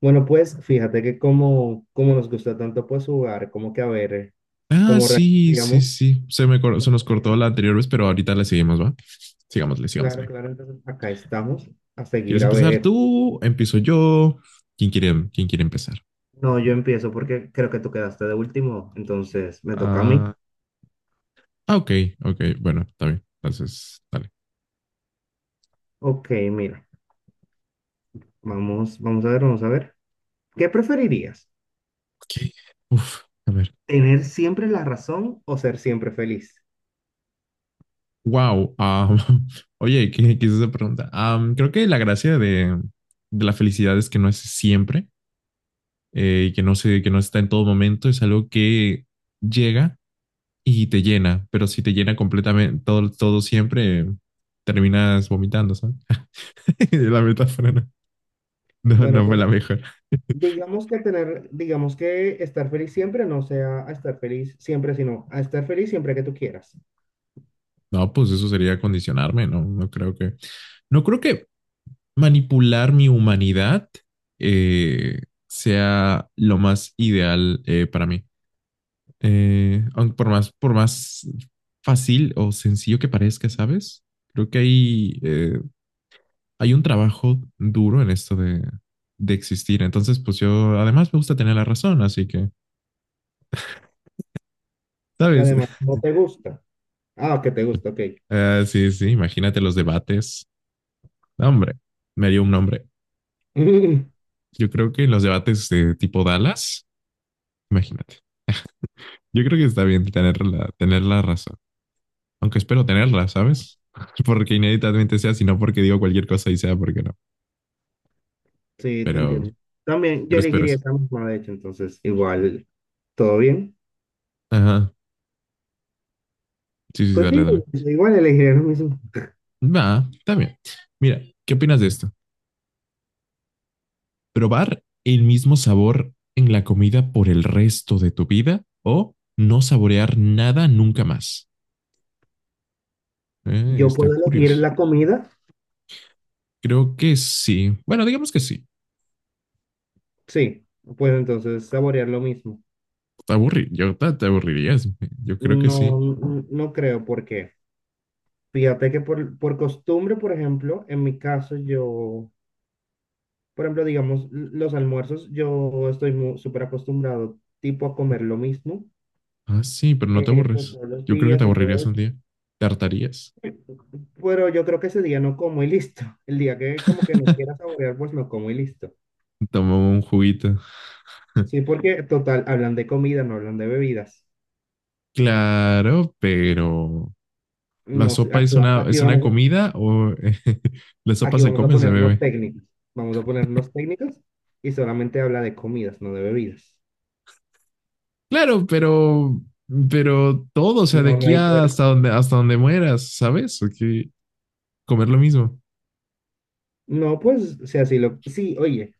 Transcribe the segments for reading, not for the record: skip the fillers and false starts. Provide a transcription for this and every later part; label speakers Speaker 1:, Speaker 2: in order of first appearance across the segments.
Speaker 1: Bueno, pues fíjate que como nos gusta tanto pues jugar, como que a ver,
Speaker 2: Ah,
Speaker 1: como reaccionamos.
Speaker 2: sí, sí,
Speaker 1: Digamos,
Speaker 2: sí. Se nos cortó la
Speaker 1: opinión.
Speaker 2: anterior vez, pero ahorita le seguimos, ¿va?
Speaker 1: Sí,
Speaker 2: Sigámosle,
Speaker 1: claro,
Speaker 2: sigámosle.
Speaker 1: claro, entonces acá estamos a
Speaker 2: ¿Quieres
Speaker 1: seguir a
Speaker 2: empezar
Speaker 1: ver.
Speaker 2: tú? ¿Empiezo yo? Quién quiere empezar?
Speaker 1: No, yo empiezo porque creo que tú quedaste de último, entonces me toca a mí.
Speaker 2: Ah, ok, ok. Bueno, está bien. Entonces, dale.
Speaker 1: Ok, mira, vamos a ver. ¿Qué preferirías?
Speaker 2: Ok. Uf, a ver.
Speaker 1: ¿Tener siempre la razón o ser siempre feliz?
Speaker 2: Wow. Oye, ¿qué, qué es esa pregunta? Creo que la gracia de la felicidad es que no es siempre y que no se, que no está en todo momento. Es algo que llega y te llena, pero si te llena completamente todo, todo siempre, terminas vomitando, ¿sabes? La metáfora
Speaker 1: Bueno,
Speaker 2: no fue
Speaker 1: pero
Speaker 2: la mejor.
Speaker 1: digamos que tener, digamos que estar feliz siempre no sea a estar feliz siempre, sino a estar feliz siempre que tú quieras.
Speaker 2: No, pues eso sería condicionarme, ¿no? No creo que, no creo que manipular mi humanidad eh, sea lo más ideal para mí. Aunque por más fácil o sencillo que parezca, ¿sabes? Creo que hay un trabajo duro en esto de existir. Entonces, pues yo además me gusta tener la razón, así que,
Speaker 1: Que
Speaker 2: ¿sabes?
Speaker 1: además no te gusta. Ah, que te gusta, ok.
Speaker 2: Ah, sí, sí, imagínate los debates. No, hombre, me dio un nombre. Yo creo que los debates de tipo Dallas, imagínate. Yo creo que está bien tener la razón, aunque espero tenerla, ¿sabes? Porque inéditamente sea, sino porque digo cualquier cosa y sea porque no.
Speaker 1: Sí, te
Speaker 2: Pero,
Speaker 1: entiendo. También yo
Speaker 2: pero espero
Speaker 1: elegiría
Speaker 2: eso.
Speaker 1: esa misma, de hecho, entonces igual, ¿todo bien?
Speaker 2: Ajá. Sí, sí,
Speaker 1: Pues
Speaker 2: dale,
Speaker 1: sí,
Speaker 2: dale.
Speaker 1: igual elegiría lo mismo.
Speaker 2: Va, está bien. Mira, ¿qué opinas de esto? Probar el mismo sabor en la comida por el resto de tu vida o no saborear nada nunca más.
Speaker 1: ¿Yo
Speaker 2: Está
Speaker 1: puedo elegir
Speaker 2: curioso.
Speaker 1: la comida?
Speaker 2: Creo que sí. Bueno, digamos que sí.
Speaker 1: Sí, pues entonces saborear lo mismo.
Speaker 2: Te aburrirías. Yo creo que
Speaker 1: No,
Speaker 2: sí.
Speaker 1: no creo, porque fíjate que por costumbre, por ejemplo, en mi caso yo, por ejemplo, digamos, los almuerzos, yo estoy súper acostumbrado tipo a comer lo mismo.
Speaker 2: Ah, sí, pero no te
Speaker 1: Pues
Speaker 2: aburres.
Speaker 1: todos los
Speaker 2: Yo creo que te
Speaker 1: días y todo.
Speaker 2: aburrirías un
Speaker 1: Eso.
Speaker 2: día. Te hartarías.
Speaker 1: Pero yo creo que ese día no como y listo. El día que como que no quiera saborear, pues no como y listo.
Speaker 2: Toma un juguito.
Speaker 1: Sí, porque total, hablan de comida, no hablan de bebidas.
Speaker 2: Claro, pero ¿la
Speaker 1: No sé,
Speaker 2: sopa
Speaker 1: aquí, aquí
Speaker 2: es una
Speaker 1: vamos,
Speaker 2: comida o la sopa
Speaker 1: aquí
Speaker 2: se
Speaker 1: vamos a
Speaker 2: come, se
Speaker 1: ponernos
Speaker 2: bebe?
Speaker 1: técnicos. Vamos a ponernos técnicos y solamente habla de comidas, no de bebidas.
Speaker 2: Claro, pero todo, o sea, de
Speaker 1: No, no
Speaker 2: aquí
Speaker 1: hay cuerpo.
Speaker 2: hasta donde mueras, ¿sabes? Hay que comer lo mismo.
Speaker 1: No, pues, o sea, sí, lo, sí, oye,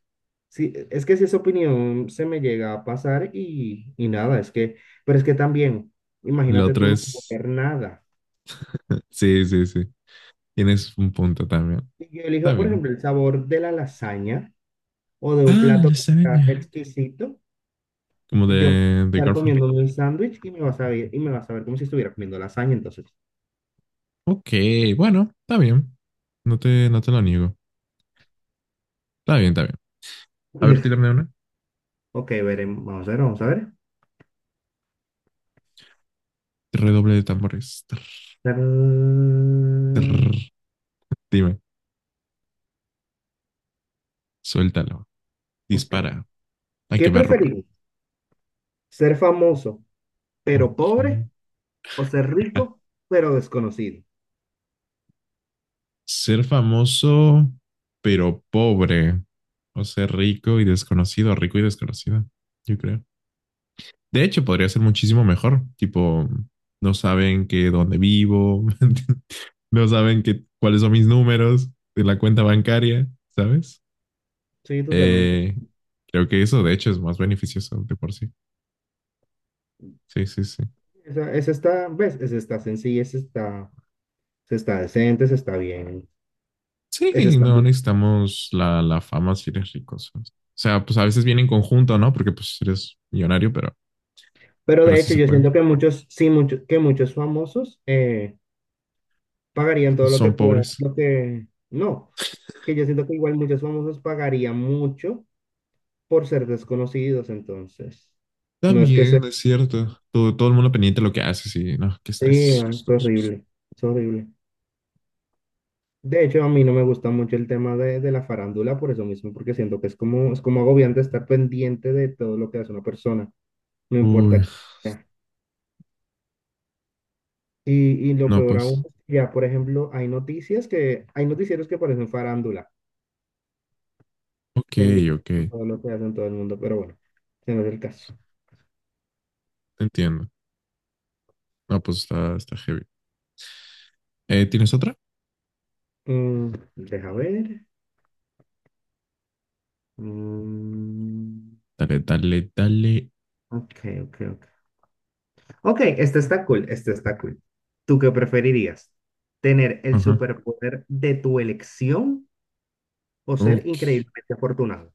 Speaker 1: sí, es que si esa opinión se me llega a pasar y nada, es que, pero es que también,
Speaker 2: Lo
Speaker 1: imagínate
Speaker 2: otro
Speaker 1: tú no
Speaker 2: es,
Speaker 1: comer nada.
Speaker 2: sí, sí, sí. Tienes un punto también.
Speaker 1: Yo elijo,
Speaker 2: Está
Speaker 1: por
Speaker 2: bien.
Speaker 1: ejemplo, el sabor de la lasaña o de un
Speaker 2: Ah, la
Speaker 1: plato que sea
Speaker 2: lasaña.
Speaker 1: exquisito.
Speaker 2: Como
Speaker 1: Yo puedo
Speaker 2: de
Speaker 1: estar
Speaker 2: Garfield.
Speaker 1: comiendo un sándwich y me va a saber, y me va a saber como si estuviera comiendo lasaña, entonces.
Speaker 2: Ok, bueno, está bien. No te, no te lo niego. Está bien, está bien. A ver, tírame una.
Speaker 1: Ok, veremos. Vamos a ver.
Speaker 2: Redoble de tambores. Trrr,
Speaker 1: Tarán.
Speaker 2: trrr. Dime, suéltalo.
Speaker 1: Ok.
Speaker 2: Dispara. A
Speaker 1: ¿Qué
Speaker 2: quemar ropa.
Speaker 1: preferís? ¿Ser famoso pero pobre
Speaker 2: Ok.
Speaker 1: o ser rico pero desconocido?
Speaker 2: Ser famoso, pero pobre. O ser rico y desconocido, yo creo. De hecho, podría ser muchísimo mejor. Tipo, no saben que dónde vivo, no saben que, cuáles son mis números de la cuenta bancaria, ¿sabes?
Speaker 1: Sí, totalmente.
Speaker 2: Eh, Creo que eso, de hecho, es más beneficioso de por sí. Sí, sí, sí.
Speaker 1: Esa está, ¿ves? Esa está sencilla, esa está decente, esa está bien. Esa
Speaker 2: Sí,
Speaker 1: está
Speaker 2: no
Speaker 1: bien.
Speaker 2: necesitamos la, la fama si eres rico. ¿Sabes? O sea, pues a veces viene en conjunto, ¿no? Porque pues eres millonario,
Speaker 1: Pero
Speaker 2: pero
Speaker 1: de
Speaker 2: sí
Speaker 1: hecho,
Speaker 2: se
Speaker 1: yo
Speaker 2: puede.
Speaker 1: siento que muchos, sí, muchos, que muchos famosos pagarían todo lo que
Speaker 2: Son
Speaker 1: puedan,
Speaker 2: pobres.
Speaker 1: lo que no, que yo siento que igual muchos famosos pagarían mucho por ser desconocidos, entonces. No es que sea,
Speaker 2: También, es cierto. Todo, todo el mundo pendiente de lo que haces y no, qué
Speaker 1: sí,
Speaker 2: estrés, qué
Speaker 1: es
Speaker 2: estrés.
Speaker 1: horrible, es horrible. De hecho, a mí no me gusta mucho el tema de la farándula por eso mismo, porque siento que es como agobiante estar pendiente de todo lo que hace una persona, no
Speaker 2: Uy,
Speaker 1: importa qué sea. Y lo
Speaker 2: no,
Speaker 1: peor
Speaker 2: pues.
Speaker 1: aún, ya por ejemplo, hay noticias que, hay noticieros que parecen farándula.
Speaker 2: Ok,
Speaker 1: Pendiente
Speaker 2: ok.
Speaker 1: por
Speaker 2: Te
Speaker 1: todo lo que hacen todo el mundo, pero bueno, ese no es el caso.
Speaker 2: entiendo. No, pues está, está heavy. ¿Tienes otra?
Speaker 1: Mm, deja ver. Mm,
Speaker 2: Dale, dale, dale.
Speaker 1: ok, ok, ok. Ok, este está cool, este está cool. ¿Tú qué preferirías? ¿Tener el
Speaker 2: Ajá.
Speaker 1: superpoder de tu elección o ser
Speaker 2: Ok.
Speaker 1: increíblemente afortunado?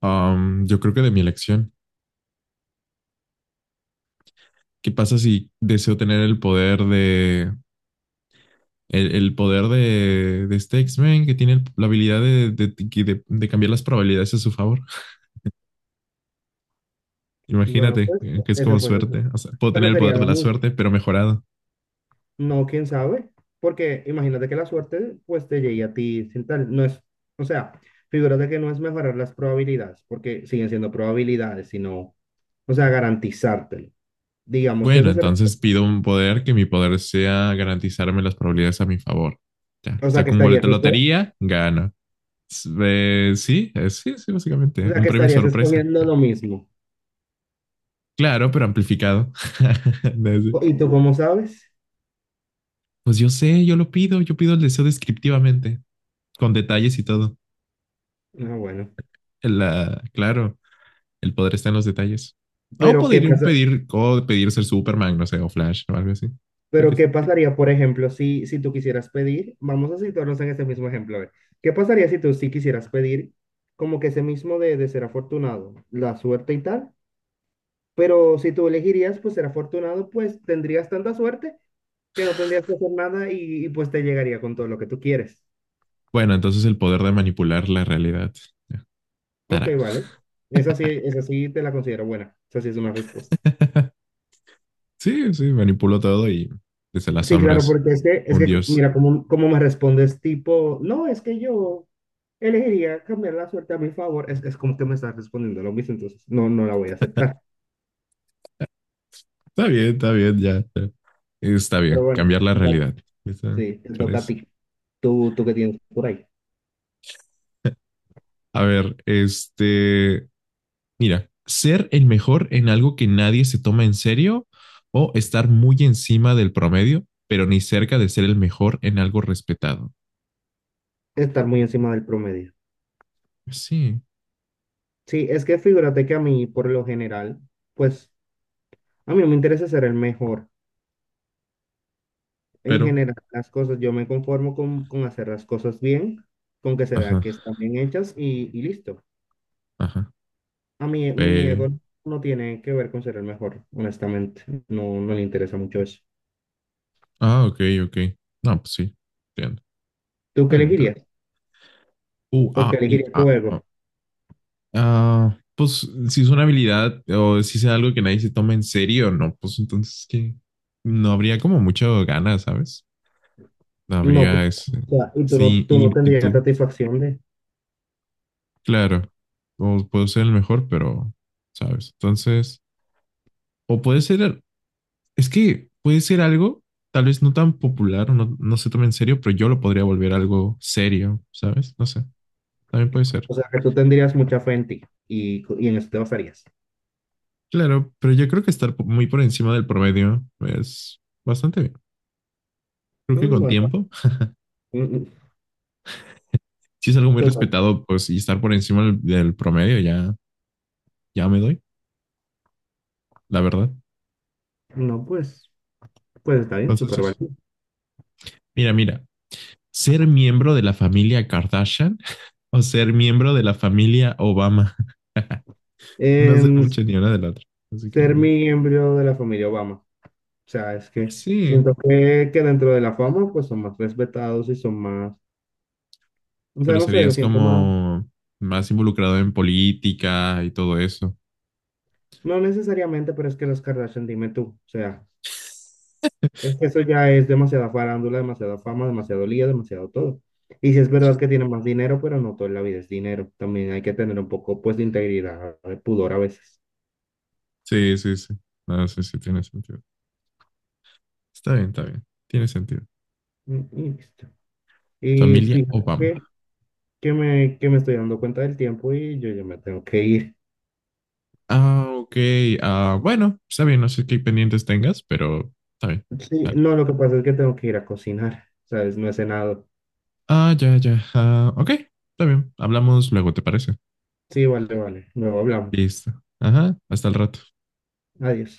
Speaker 2: Yo creo que de mi elección. ¿Qué pasa si deseo tener el poder de. El poder de este X-Men que tiene la habilidad de, de cambiar las probabilidades a su favor?
Speaker 1: Bueno,
Speaker 2: Imagínate
Speaker 1: pues
Speaker 2: que es
Speaker 1: ese
Speaker 2: como
Speaker 1: fue el otro.
Speaker 2: suerte. O sea, puedo
Speaker 1: Pero
Speaker 2: tener el
Speaker 1: sería
Speaker 2: poder
Speaker 1: lo
Speaker 2: de la
Speaker 1: mismo.
Speaker 2: suerte, pero mejorado.
Speaker 1: No, quién sabe, porque imagínate que la suerte pues te llegue a ti sin tal, no es, o sea, figúrate que no es mejorar las probabilidades, porque siguen siendo probabilidades, sino, o sea, garantizártelo. Digamos que
Speaker 2: Bueno,
Speaker 1: eso será,
Speaker 2: entonces pido un poder que mi poder sea garantizarme las probabilidades a mi favor. Ya,
Speaker 1: o sea, que
Speaker 2: saco un boleto de lotería, gano. Sí, sí,
Speaker 1: o
Speaker 2: básicamente.
Speaker 1: sea,
Speaker 2: Un
Speaker 1: que
Speaker 2: premio
Speaker 1: estarías
Speaker 2: sorpresa,
Speaker 1: escogiendo lo
Speaker 2: gano.
Speaker 1: mismo.
Speaker 2: Claro, pero amplificado. Desde-
Speaker 1: ¿Y tú cómo sabes?
Speaker 2: Pues yo sé, yo lo pido, yo pido el deseo descriptivamente, con detalles y todo.
Speaker 1: Ah, bueno,
Speaker 2: La, claro, el poder está en los detalles. O
Speaker 1: pero ¿qué
Speaker 2: podría un
Speaker 1: pasa?
Speaker 2: pedir, o pedir ser Superman, no sé, o Flash o algo así. Yo
Speaker 1: Pero
Speaker 2: qué sé.
Speaker 1: ¿qué pasaría, por ejemplo, si tú quisieras pedir, vamos a situarnos en ese mismo ejemplo, a ver, ¿qué pasaría si tú sí quisieras pedir como que ese mismo de ser afortunado, la suerte y tal? Pero si tú elegirías, pues ser afortunado, pues tendrías tanta suerte que no tendrías que hacer nada y, y, pues te llegaría con todo lo que tú quieres.
Speaker 2: Bueno, entonces el poder de manipular la realidad. Ya,
Speaker 1: Ok,
Speaker 2: Tará.
Speaker 1: vale. Esa sí te la considero buena. Esa sí es una respuesta.
Speaker 2: Sí, sí, manipuló todo y desde las
Speaker 1: Sí, claro,
Speaker 2: sombras,
Speaker 1: porque es
Speaker 2: un
Speaker 1: que
Speaker 2: dios.
Speaker 1: mira, cómo, cómo me respondes, tipo, no, es que yo elegiría cambiar la suerte a mi favor, es como que me estás respondiendo lo mismo, entonces no, no la voy a aceptar.
Speaker 2: Está bien, ya. Está
Speaker 1: Pero
Speaker 2: bien,
Speaker 1: bueno,
Speaker 2: cambiar la
Speaker 1: ya,
Speaker 2: realidad. Está,
Speaker 1: sí,
Speaker 2: me
Speaker 1: te toca a
Speaker 2: parece.
Speaker 1: ti, tú que tienes por ahí,
Speaker 2: A ver, este, mira, ser el mejor en algo que nadie se toma en serio o estar muy encima del promedio, pero ni cerca de ser el mejor en algo respetado.
Speaker 1: estar muy encima del promedio.
Speaker 2: Sí,
Speaker 1: Sí, es que figúrate que a mí, por lo general, pues a mí no me interesa ser el mejor. En
Speaker 2: pero,
Speaker 1: general, las cosas, yo me conformo con hacer las cosas bien, con que se
Speaker 2: ajá,
Speaker 1: vea que están bien hechas y listo.
Speaker 2: ajá.
Speaker 1: A mí, mi
Speaker 2: Pe-
Speaker 1: ego no tiene que ver con ser el mejor, honestamente. No, no le interesa mucho eso.
Speaker 2: ah, ok, ok. No, pues sí, entiendo.
Speaker 1: ¿Tú qué
Speaker 2: Está bien, está bien.
Speaker 1: elegirías?
Speaker 2: U,
Speaker 1: ¿O qué
Speaker 2: A, I,
Speaker 1: elegirías
Speaker 2: A.
Speaker 1: tu ego?
Speaker 2: Ah, pues si es una habilidad o si es algo que nadie se toma en serio, no, pues entonces que no habría como mucho ganas, ¿sabes? No
Speaker 1: No, pues,
Speaker 2: habría
Speaker 1: o
Speaker 2: ese,
Speaker 1: sea, y
Speaker 2: ese
Speaker 1: tú no tendrías
Speaker 2: ímpetu,
Speaker 1: satisfacción de…
Speaker 2: claro. O puedo ser el mejor, pero, ¿sabes? Entonces, o puede ser, es que puede ser algo tal vez no tan popular o no, no se tome en serio, pero yo lo podría volver algo serio, ¿sabes? No sé, también puede ser.
Speaker 1: O sea, que tú tendrías mucha fe en ti y, y en eso te basarías.
Speaker 2: Claro, pero yo creo que estar muy por encima del promedio es bastante bien. Creo que
Speaker 1: Mm,
Speaker 2: con
Speaker 1: bueno,
Speaker 2: tiempo
Speaker 1: mm, mm,
Speaker 2: sí es algo muy
Speaker 1: total.
Speaker 2: respetado, pues, y estar por encima del, del promedio ya, ya me doy, la verdad.
Speaker 1: No, pues, pues está bien,
Speaker 2: Entonces,
Speaker 1: súper
Speaker 2: es-
Speaker 1: válido.
Speaker 2: mira, mira, ser miembro de la familia Kardashian o ser miembro de la familia Obama. No sé
Speaker 1: Em,
Speaker 2: mucho ni una de la otra. Así que
Speaker 1: Ser miembro de la familia Obama. O sea, es que
Speaker 2: sí,
Speaker 1: siento que dentro de la fama, pues son más respetados y son más… O sea,
Speaker 2: pero
Speaker 1: no sé, lo
Speaker 2: serías
Speaker 1: siento más.
Speaker 2: como más involucrado en política y todo eso.
Speaker 1: No necesariamente, pero es que las Kardashian, dime tú, o sea, es que eso ya es demasiada farándula, demasiada fama, demasiado lío, demasiado todo. Y si es verdad que tienen más dinero, pero no toda la vida es dinero. También hay que tener un poco, pues, de integridad, de pudor a veces.
Speaker 2: Sí, sí, sí. No, sí, sí, tiene sentido. Está bien, está bien. Tiene sentido.
Speaker 1: Mm, y listo. Y
Speaker 2: Familia
Speaker 1: fíjate
Speaker 2: Obama.
Speaker 1: que, que me estoy dando cuenta del tiempo y yo ya me tengo que ir.
Speaker 2: Ah, ok. Ah, bueno, está bien, no sé qué pendientes tengas, pero está bien.
Speaker 1: Sí,
Speaker 2: Dale.
Speaker 1: no, lo que pasa es que tengo que ir a cocinar, ¿sabes? No he cenado.
Speaker 2: Ah, ya, ya. Ah, ok, está bien. Hablamos luego, ¿te parece?
Speaker 1: Sí, vale, vale. Luego hablamos.
Speaker 2: Listo. Ajá, hasta el rato.
Speaker 1: Adiós.